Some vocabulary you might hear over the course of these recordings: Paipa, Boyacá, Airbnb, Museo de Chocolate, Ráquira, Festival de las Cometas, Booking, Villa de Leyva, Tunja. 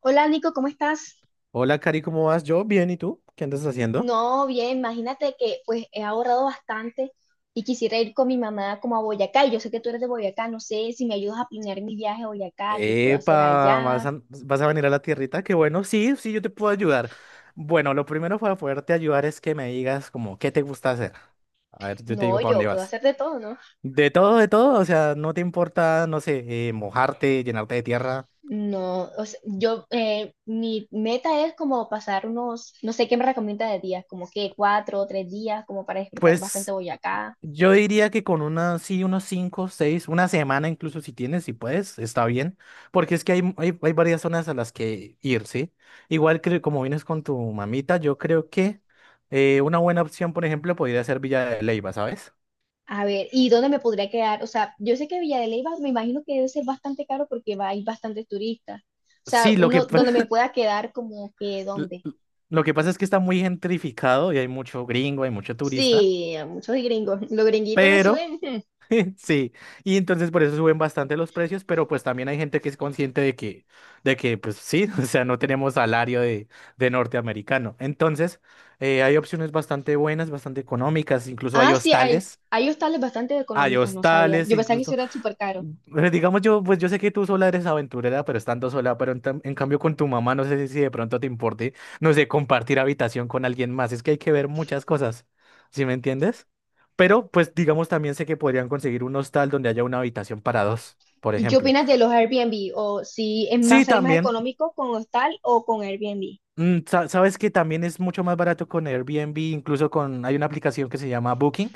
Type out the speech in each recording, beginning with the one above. Hola Nico, ¿cómo estás? Hola, Cari, ¿cómo vas? Yo bien, ¿y tú? ¿Qué andas haciendo? No, bien, imagínate que pues he ahorrado bastante y quisiera ir con mi mamá como a Boyacá. Y yo sé que tú eres de Boyacá, no sé si me ayudas a planear mi viaje a Boyacá, qué puedo hacer Epa, ¿vas allá. a, vas a venir a la tierrita? Qué bueno, sí, sí, yo te puedo ayudar. Bueno, lo primero para poderte ayudar es que me digas como qué te gusta hacer. A ver, yo te No, digo para yo dónde puedo vas. hacer de todo, ¿no? De todo, o sea, no te importa, no sé, mojarte, llenarte de tierra. No, o sea, yo, mi meta es como pasar unos, no sé qué me recomienda de días, como que cuatro o tres días, como para disfrutar bastante Pues Boyacá. Yo diría que con una sí, unos cinco, seis, una semana incluso si tienes, si puedes, está bien, porque es que hay varias zonas a las que ir, ¿sí? Igual que como vienes con tu mamita, yo creo que una buena opción, por ejemplo, podría ser Villa de Leyva, ¿sabes? A ver, ¿y dónde me podría quedar? O sea, yo sé que Villa de Leyva me imagino que debe ser bastante caro porque va, hay bastantes turistas. O sea, Sí, uno, donde me pueda quedar como que l- dónde? l- lo que pasa es que está muy gentrificado y hay mucho gringo, hay mucho turista, Sí, a muchos gringos. Los gringuitos le pero. suben. Hmm. Sí, y entonces por eso suben bastante los precios, pero pues también hay gente que es consciente de que, pues sí, o sea, no tenemos salario de norteamericano. Entonces, hay opciones bastante buenas, bastante económicas, incluso Ah, sí, hay, hay hostales bastante hay económicos, no sabía. hostales Yo pensaba que eso incluso era súper caro. pero digamos yo, pues yo sé que tú sola eres aventurera, pero estando sola, pero en cambio con tu mamá, no sé si de pronto te importe, no sé, compartir habitación con alguien más. Es que hay que ver muchas cosas, ¿sí me entiendes? Pero pues digamos también sé que podrían conseguir un hostal donde haya una habitación para dos, por ¿Y qué ejemplo. opinas de los Airbnb? ¿O si es más, Sí, sale más también. económico con hostal o con Airbnb? Sabes que también es mucho más barato con Airbnb, incluso con, hay una aplicación que se llama Booking,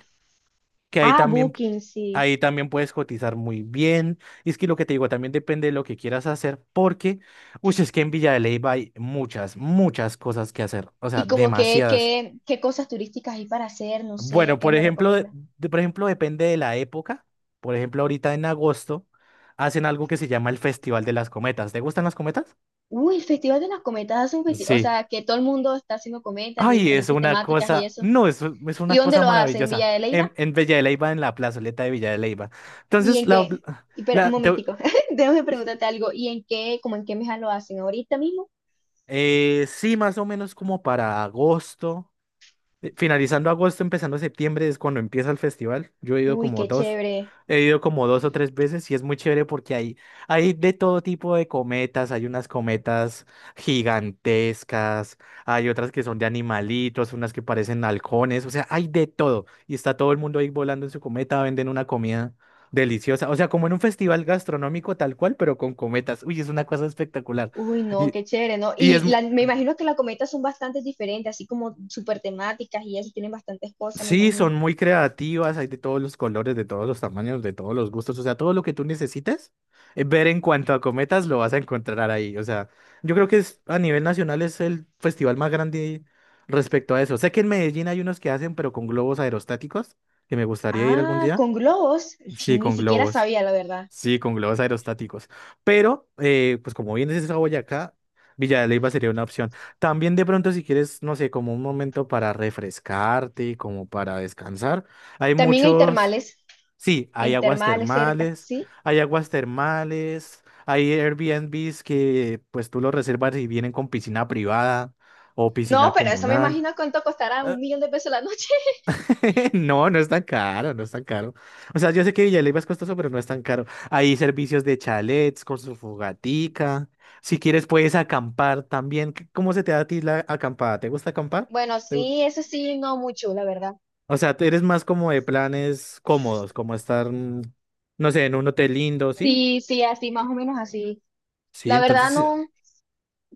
que ahí Ah, también. Booking, sí. Ahí también puedes cotizar muy bien. Y es que lo que te digo también depende de lo que quieras hacer, porque, uy, es que en Villa de Leyva hay muchas, muchas cosas que hacer. O sea, ¿Y como que, demasiadas. qué, qué cosas turísticas hay para hacer? No sé, Bueno, ¿qué por me ejemplo, recomiendas? Por ejemplo, depende de la época. Por ejemplo, ahorita en agosto hacen algo que se llama el Festival de las Cometas. ¿Te gustan las cometas? Uy, el Festival de las Cometas hace un festival, o Sí. sea, que todo el mundo está haciendo cometas de Ay, es diferentes una temáticas y cosa, eso. no, es ¿Y una dónde cosa lo hacen? ¿En maravillosa. Villa de En, Leyva? en Villa de Leyva, en la plazoleta de Villa de Leyva. ¿Y Entonces, en qué? Espera, un la, te- momentico, déjame preguntarte algo. ¿Y en qué, como en qué mesa lo hacen ahorita mismo? Sí, más o menos como para agosto. Finalizando agosto, empezando septiembre es cuando empieza el festival. Yo he ido Uy, como qué dos, chévere. he ido como dos o tres veces y es muy chévere porque hay de todo tipo de cometas. Hay unas cometas gigantescas, hay otras que son de animalitos, unas que parecen halcones, o sea, hay de todo. Y está todo el mundo ahí volando en su cometa, venden una comida deliciosa. O sea, como en un festival gastronómico tal cual, pero con cometas. Uy, es una cosa espectacular. Uy, no, Y- qué chévere, ¿no? y es, Y me imagino que las cometas son bastante diferentes, así como súper temáticas y eso, tienen bastantes cosas, me Sí, imagino. son muy creativas, hay de todos los colores, de todos los tamaños, de todos los gustos, o sea, todo lo que tú necesites ver en cuanto a cometas lo vas a encontrar ahí, o sea, yo creo que a nivel nacional es el festival más grande respecto a eso. Sé que en Medellín hay unos que hacen, pero con globos aerostáticos, que me gustaría ir algún Ah, día. con globos, Sí, ni con siquiera globos. sabía, la verdad. Sí, con globos aerostáticos. Pero, pues como bien dices a Boyacá, Villa de Leyva sería una opción. También de pronto si quieres, no sé, como un momento para refrescarte y como para descansar. Hay También hay muchos, termales, sí, en termales cerca, ¿sí? hay aguas termales, hay Airbnbs que pues tú los reservas y vienen con piscina privada o No, piscina pero eso me comunal. imagino cuánto costará un millón de pesos la noche. No, no es tan caro, no es tan caro. O sea, yo sé que Villaleiva es costoso, pero no es tan caro. Hay servicios de chalets con su fogatica. Si quieres, puedes acampar también. ¿Cómo se te da a ti la acampada? ¿Te gusta acampar? Bueno, ¿Te gu- sí, eso sí, no mucho, la verdad. O sea, tú eres más como de planes cómodos, como estar, no sé, en un hotel lindo, ¿sí? Sí, sí, así, más o menos así. Sí, La verdad, entonces, sí, no, o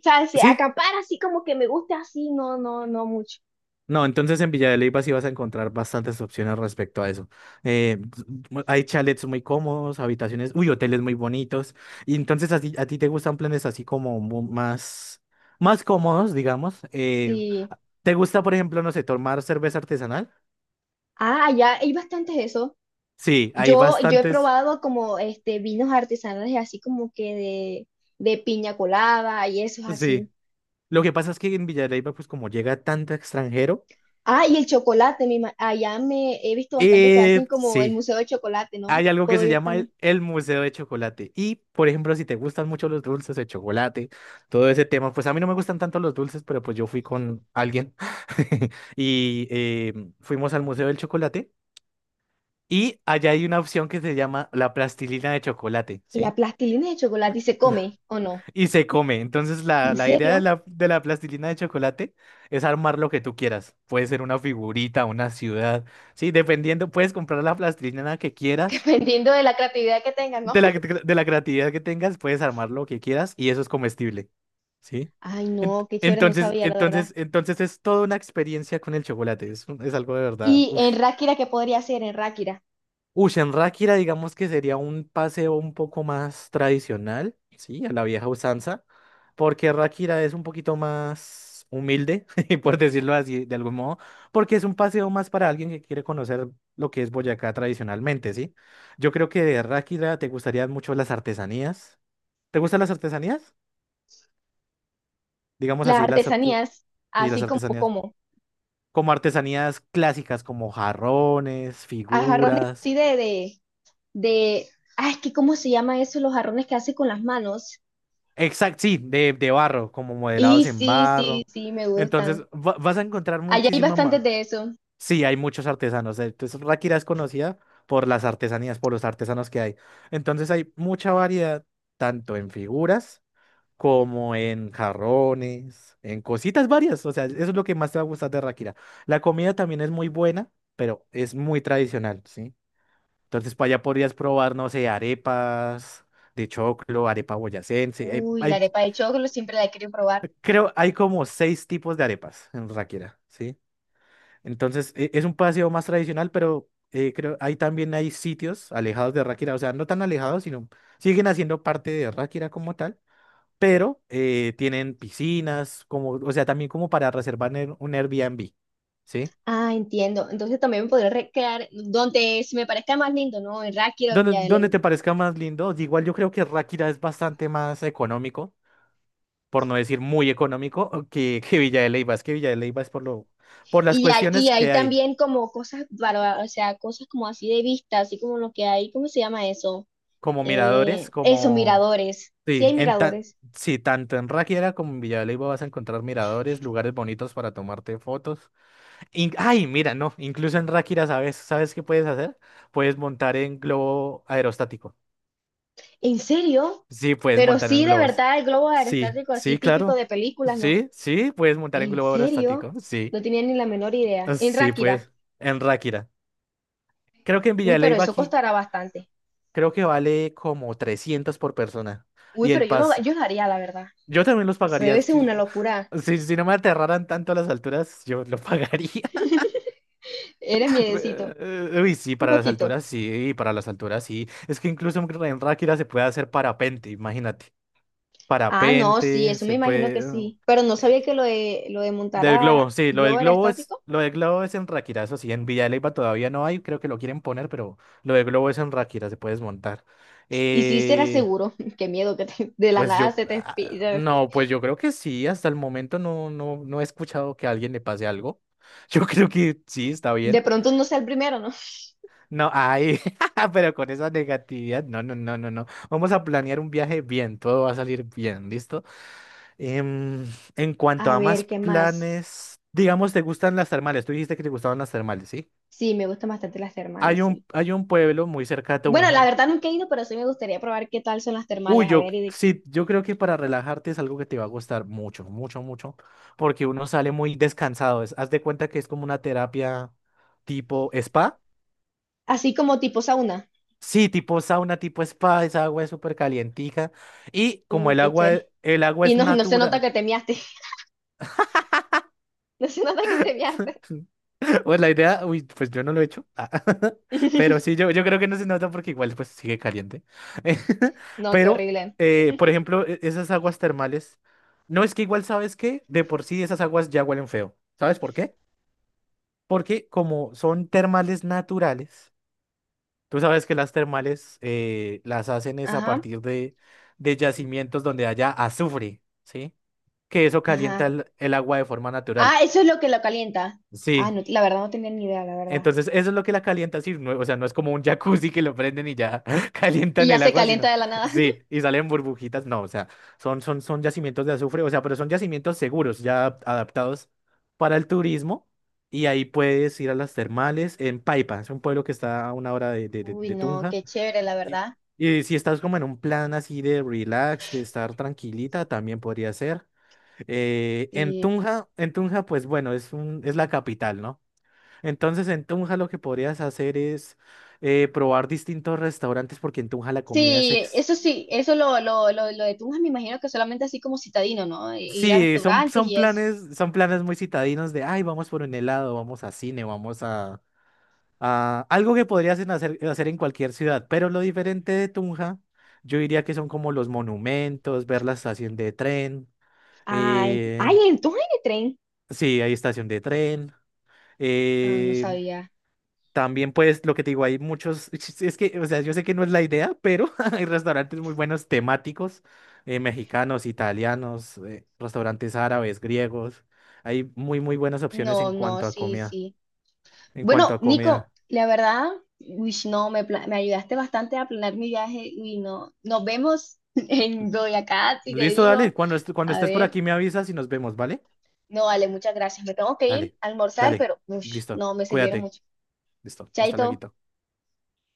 sea, si sí. acampar así como que me gusta así, no, no, no mucho. No, entonces en Villa de Leyva sí vas a encontrar bastantes opciones respecto a eso. Eh, hay chalets muy cómodos, habitaciones, uy, hoteles muy bonitos. Y entonces a ti, te gustan planes así como más cómodos, digamos. Sí. ¿Te gusta, por ejemplo, no sé, tomar cerveza artesanal? Ah, ya hay bastantes de eso. Sí, hay Yo he bastantes. probado como este vinos artesanales así como que de piña colada y eso es así. Sí. Lo que pasa es que en Villa de Leyva, pues como llega tanto extranjero, Ah, y el chocolate, allá me he visto bastante que hacen como el sí. museo de chocolate, ¿no? Hay algo que Puedo se ir llama también. el Museo de Chocolate. Y, por ejemplo, si te gustan mucho los dulces de chocolate, todo ese tema, pues a mí no me gustan tanto los dulces, pero pues yo fui con alguien y fuimos al Museo del Chocolate y allá hay una opción que se llama la plastilina de chocolate, ¿La ¿sí? plastilina de chocolate se La- come o no? Y se come. Entonces, la, ¿En la idea de serio? la plastilina de chocolate es armar lo que tú quieras. Puede ser una figurita, una ciudad, ¿sí? Dependiendo, puedes comprar la plastilina que quieras. Dependiendo de la creatividad que tengan, ¿no? De la creatividad que tengas, puedes armar lo que quieras y eso es comestible, ¿sí? Ay, Ent- no, qué chévere, no Entonces, sabía la verdad. entonces, entonces es toda una experiencia con el chocolate, es algo de verdad. Y Ush. en Ráquira, ¿qué podría hacer en Ráquira? Ush, en Ráquira digamos que sería un paseo un poco más tradicional, ¿sí? A la vieja usanza, porque Ráquira es un poquito más humilde, por decirlo así, de algún modo, porque es un paseo más para alguien que quiere conocer lo que es Boyacá tradicionalmente, ¿sí? Yo creo que de Ráquira te gustarían mucho las artesanías. ¿Te gustan las artesanías? Digamos Las así, artesanías, sí, las así como, artesanías. como, Como artesanías clásicas, como jarrones, a jarrones figuras. así de, ay, es que ¿cómo se llama eso? Los jarrones que hace con las manos. Exacto, sí, de, barro, como Y modelados en sí, sí, barro. sí, me Entonces, gustan. Vas a encontrar Allá hay muchísima bastantes más. de eso. Sí, hay muchos artesanos. Entonces, Ráquira es conocida por las artesanías, por los artesanos que hay. Entonces, hay mucha variedad, tanto en figuras, como en jarrones, en cositas varias. O sea, eso es lo que más te va a gustar de Ráquira. La comida también es muy buena, pero es muy tradicional, ¿sí? Entonces, para allá podrías probar, no sé, arepas de choclo, arepa boyacense. Hay, Uy, la hay- arepa de choclo siempre la quiero probar. creo, hay como seis tipos de arepas en Ráquira, ¿sí? Entonces, es un paseo más tradicional, pero creo, ahí también hay sitios alejados de Ráquira, o sea, no tan alejados, sino siguen haciendo parte de Ráquira como tal pero tienen piscinas, como, o sea, también como para reservar en un Airbnb, ¿sí? Ah, entiendo. Entonces también me podría recrear donde se me parezca más lindo, ¿no? En Ráquira o en Donde, Villa de donde Leyva. te parezca más lindo, igual yo creo que Ráquira es bastante más económico, por no decir muy económico, que Villa de Leyva, es que Villa de Leyva es por lo, por las Y cuestiones ahí que hay, también como cosas, para, o sea, cosas como así de vista, así como lo que hay, ¿cómo se llama eso? como miradores, Eso, como, miradores. Sí sí, hay miradores. sí, tanto en Ráquira como en Villa de Leyva vas a encontrar miradores, lugares bonitos para tomarte fotos. Ay, mira, no, incluso en Ráquira, ¿sabes? ¿Sabes qué puedes hacer? Puedes montar en globo aerostático. ¿En serio? Sí, puedes Pero montar en sí, de globos. verdad, el globo Sí, aerostático así sí, típico claro. de películas, ¿no? Sí, sí, puedes montar en ¿En globo serio? aerostático. Sí, No tenía ni la menor idea. Ah, En sí, Ráquira. pues, en Ráquira. Creo que en Uy, Villa de pero Leyva eso aquí, costará bastante. creo que vale como 300 por persona. Uy, Y pero el yo lo, pas, yo lo haría, la verdad. yo también los Eso pagaría. debe ser Si, una locura. si no me aterraran tanto las alturas, yo lo pagaría. Eres miedecito. Uy, sí, Un para las poquito. alturas sí, para las alturas sí. Es que incluso en Ráquira se puede hacer parapente, imagínate. Ah, no, sí, Parapente, eso me se imagino que puede, ¿no? sí. Pero no eh, sabía que lo de montar Del a globo, sí, lo del globo era globo es, estático. lo del globo es en Ráquira, eso sí, en Villa de Leyva todavía no hay, creo que lo quieren poner, pero lo del globo es en Ráquira, se puede desmontar. Y sí será Eh, seguro. Qué miedo que de la pues nada yo, se te... no, pues yo creo que sí, hasta el momento no, no, no he escuchado que a alguien le pase algo. Yo creo que sí, está De bien. pronto no sea el primero, ¿no? No, ay, pero con esa negatividad, no, no, no, no, no. Vamos a planear un viaje bien, todo va a salir bien, ¿listo? Em, en cuanto A a más ver, ¿qué más? planes, digamos, ¿te gustan las termales? Tú dijiste que te gustaban las termales, ¿sí? Sí, me gustan bastante las Hay termales, sí. un, hay un pueblo muy cerca de Bueno, la Tunja. verdad nunca he ido, pero sí me gustaría probar qué tal son las Uy, termales. A yo, ver, sí, yo creo que para relajarte es algo que te va a gustar mucho, mucho, mucho, porque uno sale muy descansado. Haz de cuenta que es como una terapia tipo spa. así como tipo sauna. Sí, tipo sauna, tipo spa, esa agua es súper calientica. Y como Uy, el qué agua, chévere. el agua Y es no, no se nota que natura. te miaste. No se nota que te miaste. Pues la idea, uy, pues yo no lo he hecho. Ah, Pero sí, yo creo que no se nota porque igual pues sigue caliente. No, qué Pero, horrible. Por ejemplo, esas aguas termales, no es que igual, ¿sabes qué? De por sí esas aguas ya huelen feo. ¿Sabes por qué? Porque como son termales naturales. Tú sabes que las termales las hacen es a Ajá, partir de, yacimientos donde haya azufre, ¿sí? Que eso calienta ajá. el agua de forma natural. Ah, eso es lo que lo calienta. Ah, Sí. no, la verdad no tenía ni idea, la verdad. Entonces, eso es lo que la calienta, sí. O sea, no es como un jacuzzi que lo prenden y ya Y calientan ya el se agua, calienta sino. de la nada. Sí, y salen burbujitas. No, o sea, son yacimientos de azufre, o sea, pero son yacimientos seguros, ya adaptados para el turismo. Y ahí puedes ir a las termales en Paipa, es un pueblo que está a una hora de, de de- Uy, de no, Tunja. qué chévere, la Y, verdad. y si estás como en un plan así de relax, de estar tranquilita, también podría ser. Eh, en Sí, Tunja, en Tunja, pues bueno, es la capital, ¿no? Entonces en Tunja lo que podrías hacer es probar distintos restaurantes porque en Tunja la comida es ex. Sí, eso lo de Tunja me imagino que solamente así como citadino, ¿no? E ir a Sí, son, restaurantes son y eso. planes, son planes muy citadinos de, ay, vamos por un helado, vamos a cine, vamos a. Ah, algo que podrías hacer en cualquier ciudad, pero lo diferente de Tunja, yo diría que son como los monumentos, ver la estación de tren. Ah, eh, ay, en Tunja hay de tren. sí, hay estación de tren. Ah, no eh, sabía. también, pues, lo que te digo, hay muchos. Es que, o sea, yo sé que no es la idea, pero hay restaurantes muy buenos temáticos, mexicanos, italianos, restaurantes árabes, griegos. Hay muy, muy buenas opciones en No, no, cuanto a sí, comida. sí. En cuanto Bueno, a Nico, comida. la verdad, uy, no, me, me ayudaste bastante a planear mi viaje. Y no, nos vemos en Boyacá, si te Listo, dale. digo. Cuando A estés por ver. aquí me avisas y nos vemos, ¿vale? No, vale, muchas gracias. Me tengo que ir Dale, a almorzar, dale. pero ush, Listo. no, me sirvieron Cuídate. mucho. Listo. Hasta Chaito. luego.